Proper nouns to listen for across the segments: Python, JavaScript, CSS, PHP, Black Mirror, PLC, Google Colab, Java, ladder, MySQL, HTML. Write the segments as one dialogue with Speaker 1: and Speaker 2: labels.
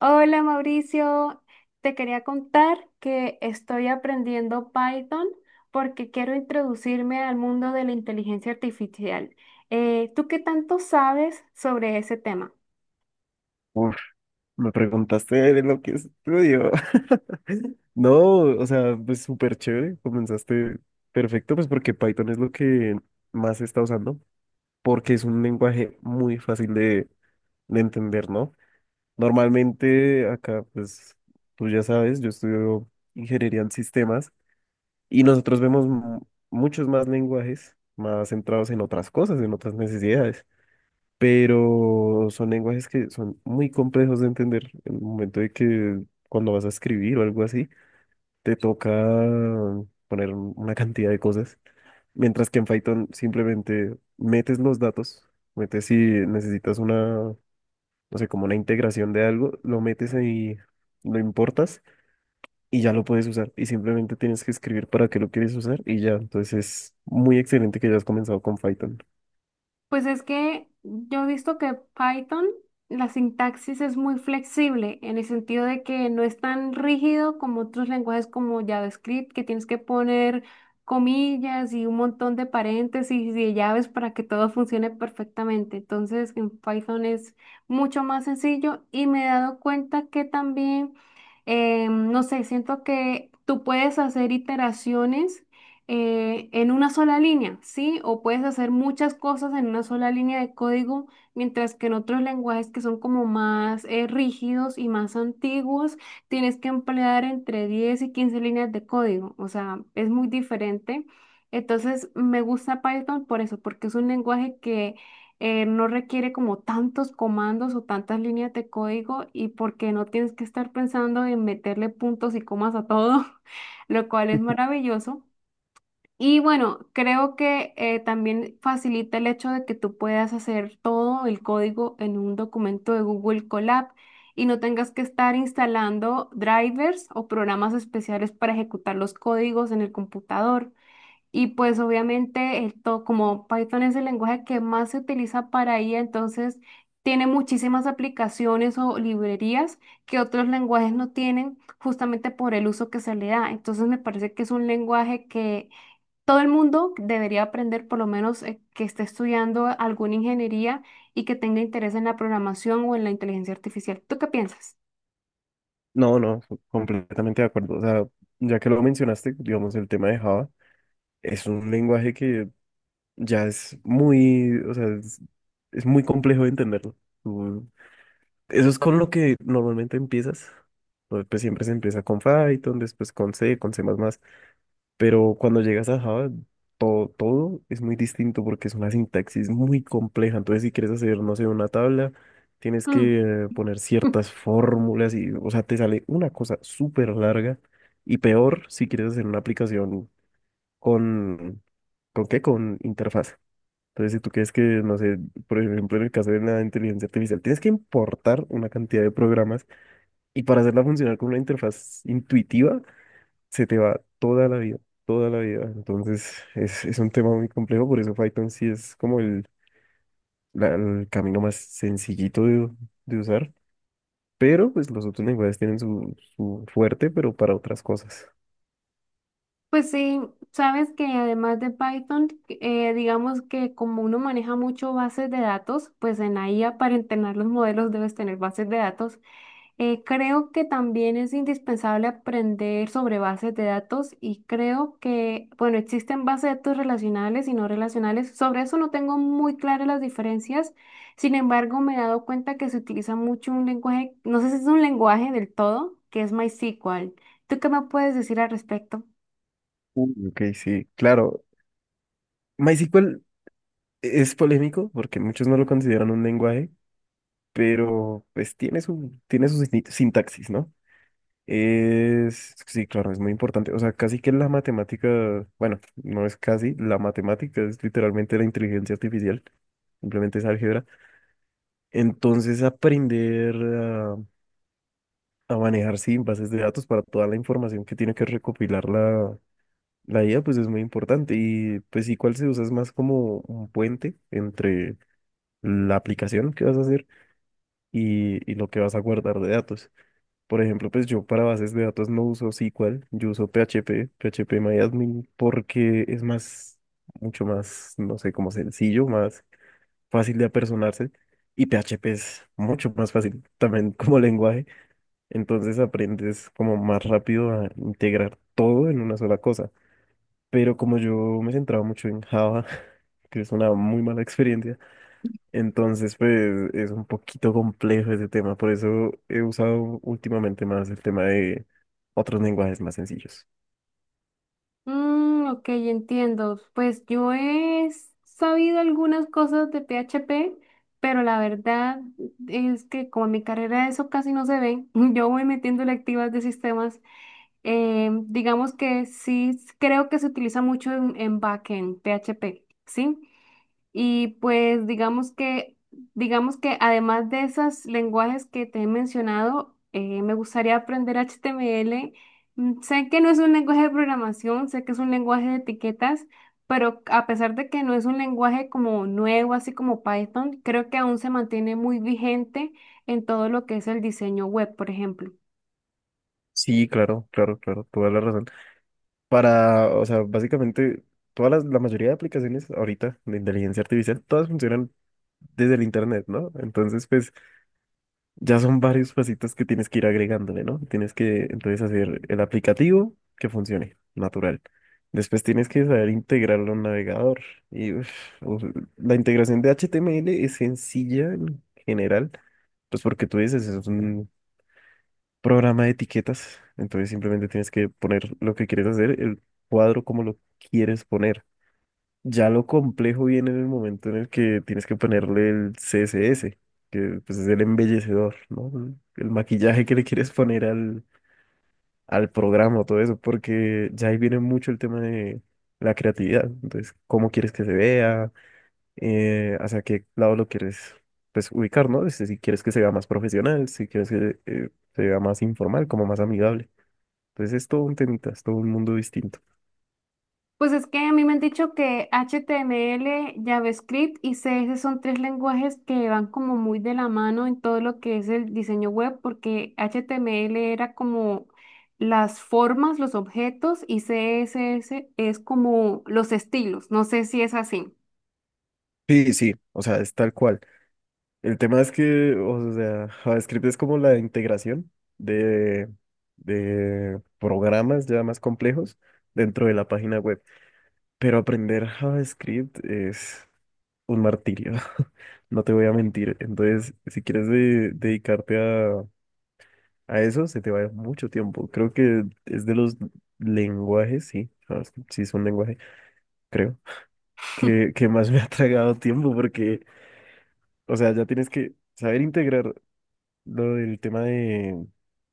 Speaker 1: Hola Mauricio, te quería contar que estoy aprendiendo Python porque quiero introducirme al mundo de la inteligencia artificial. ¿Tú qué tanto sabes sobre ese tema?
Speaker 2: Uf, Me preguntaste de lo que estudio. No, o sea, pues súper chévere, comenzaste perfecto, pues porque Python es lo que más se está usando, porque es un lenguaje muy fácil de entender, ¿no? Normalmente acá, pues tú ya sabes, yo estudio ingeniería en sistemas y nosotros vemos muchos más lenguajes más centrados en otras cosas, en otras necesidades. Pero son lenguajes que son muy complejos de entender. En el momento de que cuando vas a escribir o algo así, te toca poner una cantidad de cosas, mientras que en Python simplemente metes los datos, metes si necesitas una, no sé, como una integración de algo, lo metes ahí, lo importas y ya lo puedes usar y simplemente tienes que escribir para qué lo quieres usar y ya. Entonces es muy excelente que hayas comenzado con Python.
Speaker 1: Pues es que yo he visto que Python, la sintaxis es muy flexible en el sentido de que no es tan rígido como otros lenguajes como JavaScript, que tienes que poner comillas y un montón de paréntesis y de llaves para que todo funcione perfectamente. Entonces, en Python es mucho más sencillo y me he dado cuenta que también, no sé, siento que tú puedes hacer iteraciones en una sola línea, ¿sí? O puedes hacer muchas cosas en una sola línea de código, mientras que en otros lenguajes que son como más rígidos y más antiguos, tienes que emplear entre 10 y 15 líneas de código, o sea, es muy diferente. Entonces, me gusta Python por eso, porque es un lenguaje que no requiere como tantos comandos o tantas líneas de código y porque no tienes que estar pensando en meterle puntos y comas a todo, lo cual es maravilloso. Y bueno, creo que también facilita el hecho de que tú puedas hacer todo el código en un documento de Google Colab y no tengas que estar instalando drivers o programas especiales para ejecutar los códigos en el computador. Y pues obviamente como Python es el lenguaje que más se utiliza para IA, entonces tiene muchísimas aplicaciones o librerías que otros lenguajes no tienen justamente por el uso que se le da. Entonces me parece que es un lenguaje que todo el mundo debería aprender, por lo menos que esté estudiando alguna ingeniería y que tenga interés en la programación o en la inteligencia artificial. ¿Tú qué piensas?
Speaker 2: No, no, completamente de acuerdo. O sea, ya que lo mencionaste, digamos, el tema de Java, es un lenguaje que ya es muy, o sea, es muy complejo de entenderlo. Tú- eso es con lo que normalmente empiezas. Pues siempre se empieza con Python, después con C, con C++. Pero cuando llegas a Java, todo es muy distinto porque es una sintaxis muy compleja. Entonces, si quieres hacer, no sé, una tabla, tienes
Speaker 1: Mm.
Speaker 2: que poner ciertas fórmulas y, o sea, te sale una cosa súper larga. Y peor si quieres hacer una aplicación con, ¿con qué? Con interfaz. Entonces, si tú quieres que, no sé, por ejemplo, en el caso de la inteligencia artificial, tienes que importar una cantidad de programas y para hacerla funcionar con una interfaz intuitiva se te va toda la vida, toda la vida. Entonces es un tema muy complejo, por eso Python sí es como el, el camino más sencillito de usar, pero pues los otros lenguajes tienen su, su fuerte, pero para otras cosas.
Speaker 1: Pues sí, sabes que además de Python, digamos que como uno maneja mucho bases de datos, pues en la IA para entrenar los modelos debes tener bases de datos. Creo que también es indispensable aprender sobre bases de datos y creo que, bueno, existen bases de datos relacionales y no relacionales. Sobre eso no tengo muy claras las diferencias. Sin embargo, me he dado cuenta que se utiliza mucho un lenguaje, no sé si es un lenguaje del todo, que es MySQL. ¿Tú qué me puedes decir al respecto?
Speaker 2: Uy, ok, sí, claro. MySQL es polémico porque muchos no lo consideran un lenguaje, pero pues tiene su sintaxis, ¿no? Es, sí, claro, es muy importante. O sea, casi que la matemática, bueno, no es casi, la matemática es literalmente la inteligencia artificial, simplemente es álgebra. Entonces, aprender a manejar, sí, bases de datos para toda la información que tiene que recopilar la IA, pues es muy importante. Y pues igual se usa es más como un puente entre la aplicación que vas a hacer y lo que vas a guardar de datos. Por ejemplo, pues yo para bases de datos no uso SQL, yo uso PHP, PHP MyAdmin, porque es más, mucho más, no sé, como sencillo, más fácil de apersonarse. Y PHP es mucho más fácil también como lenguaje. Entonces aprendes como más rápido a integrar todo en una sola cosa. Pero como yo me centraba mucho en Java, que es una muy mala experiencia, entonces, pues es un poquito complejo ese tema, por eso he usado últimamente más el tema de otros lenguajes más sencillos.
Speaker 1: Mm, ok, entiendo. Pues yo he sabido algunas cosas de PHP, pero la verdad es que como en mi carrera eso casi no se ve, yo voy metiendo electivas de sistemas. Digamos que sí creo que se utiliza mucho en, backend, PHP, ¿sí? Y pues digamos que además de esos lenguajes que te he mencionado, me gustaría aprender HTML. Sé que no es un lenguaje de programación, sé que es un lenguaje de etiquetas, pero a pesar de que no es un lenguaje como nuevo, así como Python, creo que aún se mantiene muy vigente en todo lo que es el diseño web, por ejemplo.
Speaker 2: Sí, claro, claro, claro, toda la razón. Para, o sea, básicamente, todas las, la mayoría de aplicaciones ahorita de inteligencia artificial, todas funcionan desde el internet, ¿no? Entonces, pues ya son varios pasitos que tienes que ir agregándole, ¿no? Tienes que entonces hacer el aplicativo que funcione, natural. Después tienes que saber integrarlo a un navegador. Y uf, uf, la integración de HTML es sencilla en general, pues porque tú dices, es un programa de etiquetas, entonces simplemente tienes que poner lo que quieres hacer, el cuadro como lo quieres poner. Ya lo complejo viene en el momento en el que tienes que ponerle el CSS, que pues es el embellecedor, ¿no? El maquillaje que le quieres poner al, al programa, todo eso, porque ya ahí viene mucho el tema de la creatividad. Entonces, cómo quieres que se vea, hacia qué lado lo quieres pues, ubicar, ¿no? Este, si quieres que se vea más profesional, si quieres que se vea más informal, como más amigable. Entonces, es todo un temita, es todo un mundo distinto.
Speaker 1: Pues es que a mí me han dicho que HTML, JavaScript y CS son tres lenguajes que van como muy de la mano en todo lo que es el diseño web, porque HTML era como las formas, los objetos y CSS es como los estilos. No sé si es así.
Speaker 2: Sí, sí, o sea, es tal cual. El tema es que, o sea, JavaScript es como la integración de, de programas ya más complejos dentro de la página web. Pero aprender JavaScript es un martirio, no te voy a mentir. Entonces, si quieres dedicarte a eso, se te va a ir mucho tiempo. Creo que es de los lenguajes, sí, JavaScript sí es un lenguaje, creo, que más me ha tragado tiempo porque, o sea, ya tienes que saber integrar. Lo del tema de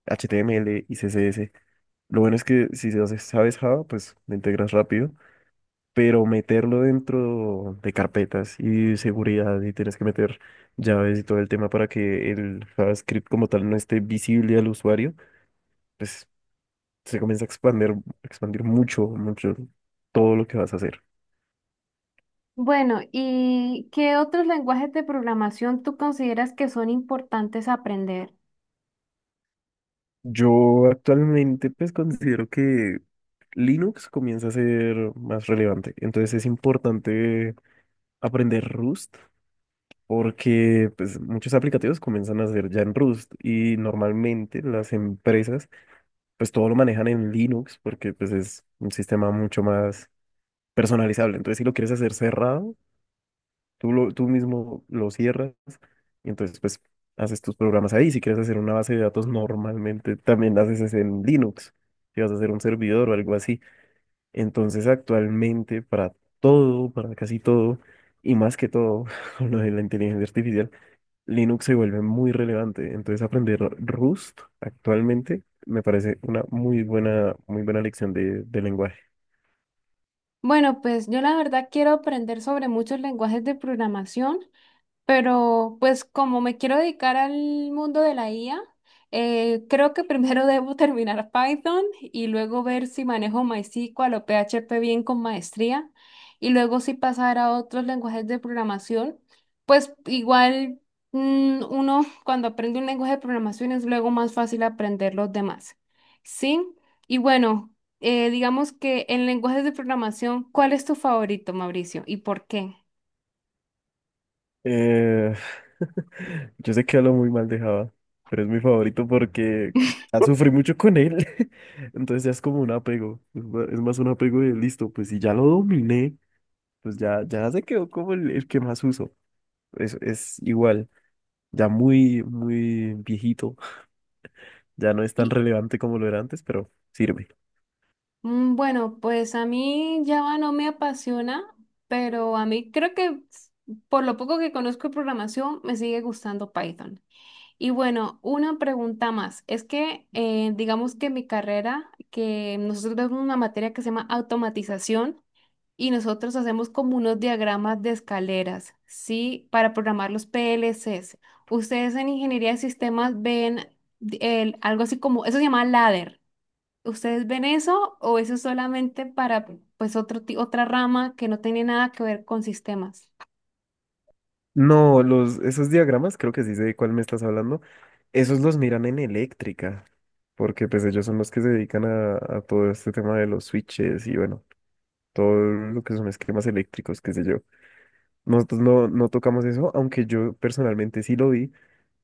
Speaker 2: HTML y CSS. Lo bueno es que si se hace- sabes Java, pues lo integras rápido, pero meterlo dentro de carpetas y seguridad y tienes que meter llaves y todo el tema para que el JavaScript como tal no esté visible al usuario, pues se comienza a expandir, expandir mucho, mucho todo lo que vas a hacer.
Speaker 1: Bueno, ¿y qué otros lenguajes de programación tú consideras que son importantes aprender?
Speaker 2: Yo actualmente pues considero que Linux comienza a ser más relevante, entonces es importante aprender Rust porque pues, muchos aplicativos comienzan a hacer ya en Rust y normalmente las empresas pues todo lo manejan en Linux porque pues es un sistema mucho más personalizable. Entonces si lo quieres hacer cerrado, tú, lo, tú mismo lo cierras y entonces pues haces tus programas ahí. Si quieres hacer una base de datos normalmente también la haces es en Linux. Si vas a hacer un servidor o algo así. Entonces actualmente para todo, para casi todo y más que todo con lo de la inteligencia artificial Linux se vuelve muy relevante. Entonces aprender Rust actualmente me parece una muy buena lección de lenguaje.
Speaker 1: Bueno, pues yo la verdad quiero aprender sobre muchos lenguajes de programación. Pero pues como me quiero dedicar al mundo de la IA, creo que primero debo terminar Python y luego ver si manejo MySQL o PHP bien con maestría y luego si pasar a otros lenguajes de programación. Pues igual uno cuando aprende un lenguaje de programación es luego más fácil aprender los demás. ¿Sí? Y bueno, digamos que en lenguajes de programación, ¿cuál es tu favorito, Mauricio? ¿Y por qué?
Speaker 2: Eh, yo sé que hablo muy mal de Java, pero es mi favorito porque ya sufrí mucho con él. Entonces ya es como un apego. Es es más un apego de listo, pues si ya lo dominé, pues ya, ya se quedó como el que más uso. Es igual, ya muy, muy viejito. Ya no es tan relevante como lo era antes, pero sirve.
Speaker 1: Bueno, pues a mí Java no me apasiona, pero a mí creo que por lo poco que conozco de programación me sigue gustando Python. Y bueno, una pregunta más. Es que digamos que mi carrera, que nosotros vemos una materia que se llama automatización y nosotros hacemos como unos diagramas de escaleras, ¿sí? Para programar los PLCs. Ustedes en ingeniería de sistemas ven algo así como, eso se llama ladder. ¿Ustedes ven eso o eso es solamente para pues otro, otra rama que no tiene nada que ver con sistemas?
Speaker 2: No, los, esos diagramas, creo que sí sé de cuál me estás hablando, esos los miran en eléctrica, porque pues ellos son los que se dedican a todo este tema de los switches y bueno, todo lo que son esquemas eléctricos, qué sé yo. Nosotros no, no tocamos eso, aunque yo personalmente sí lo vi,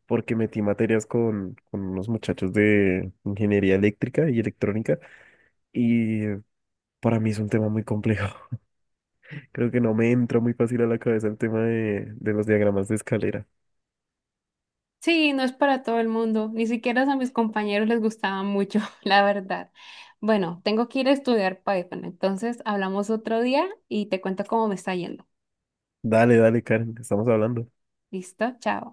Speaker 2: porque metí materias con unos muchachos de ingeniería eléctrica y electrónica, y para mí es un tema muy complejo. Creo que no me entra muy fácil a la cabeza el tema de los diagramas de escalera.
Speaker 1: Sí, no es para todo el mundo, ni siquiera a mis compañeros les gustaba mucho, la verdad. Bueno, tengo que ir a estudiar Python, entonces hablamos otro día y te cuento cómo me está yendo.
Speaker 2: Dale, dale, Karen, estamos hablando.
Speaker 1: ¿Listo? Chao.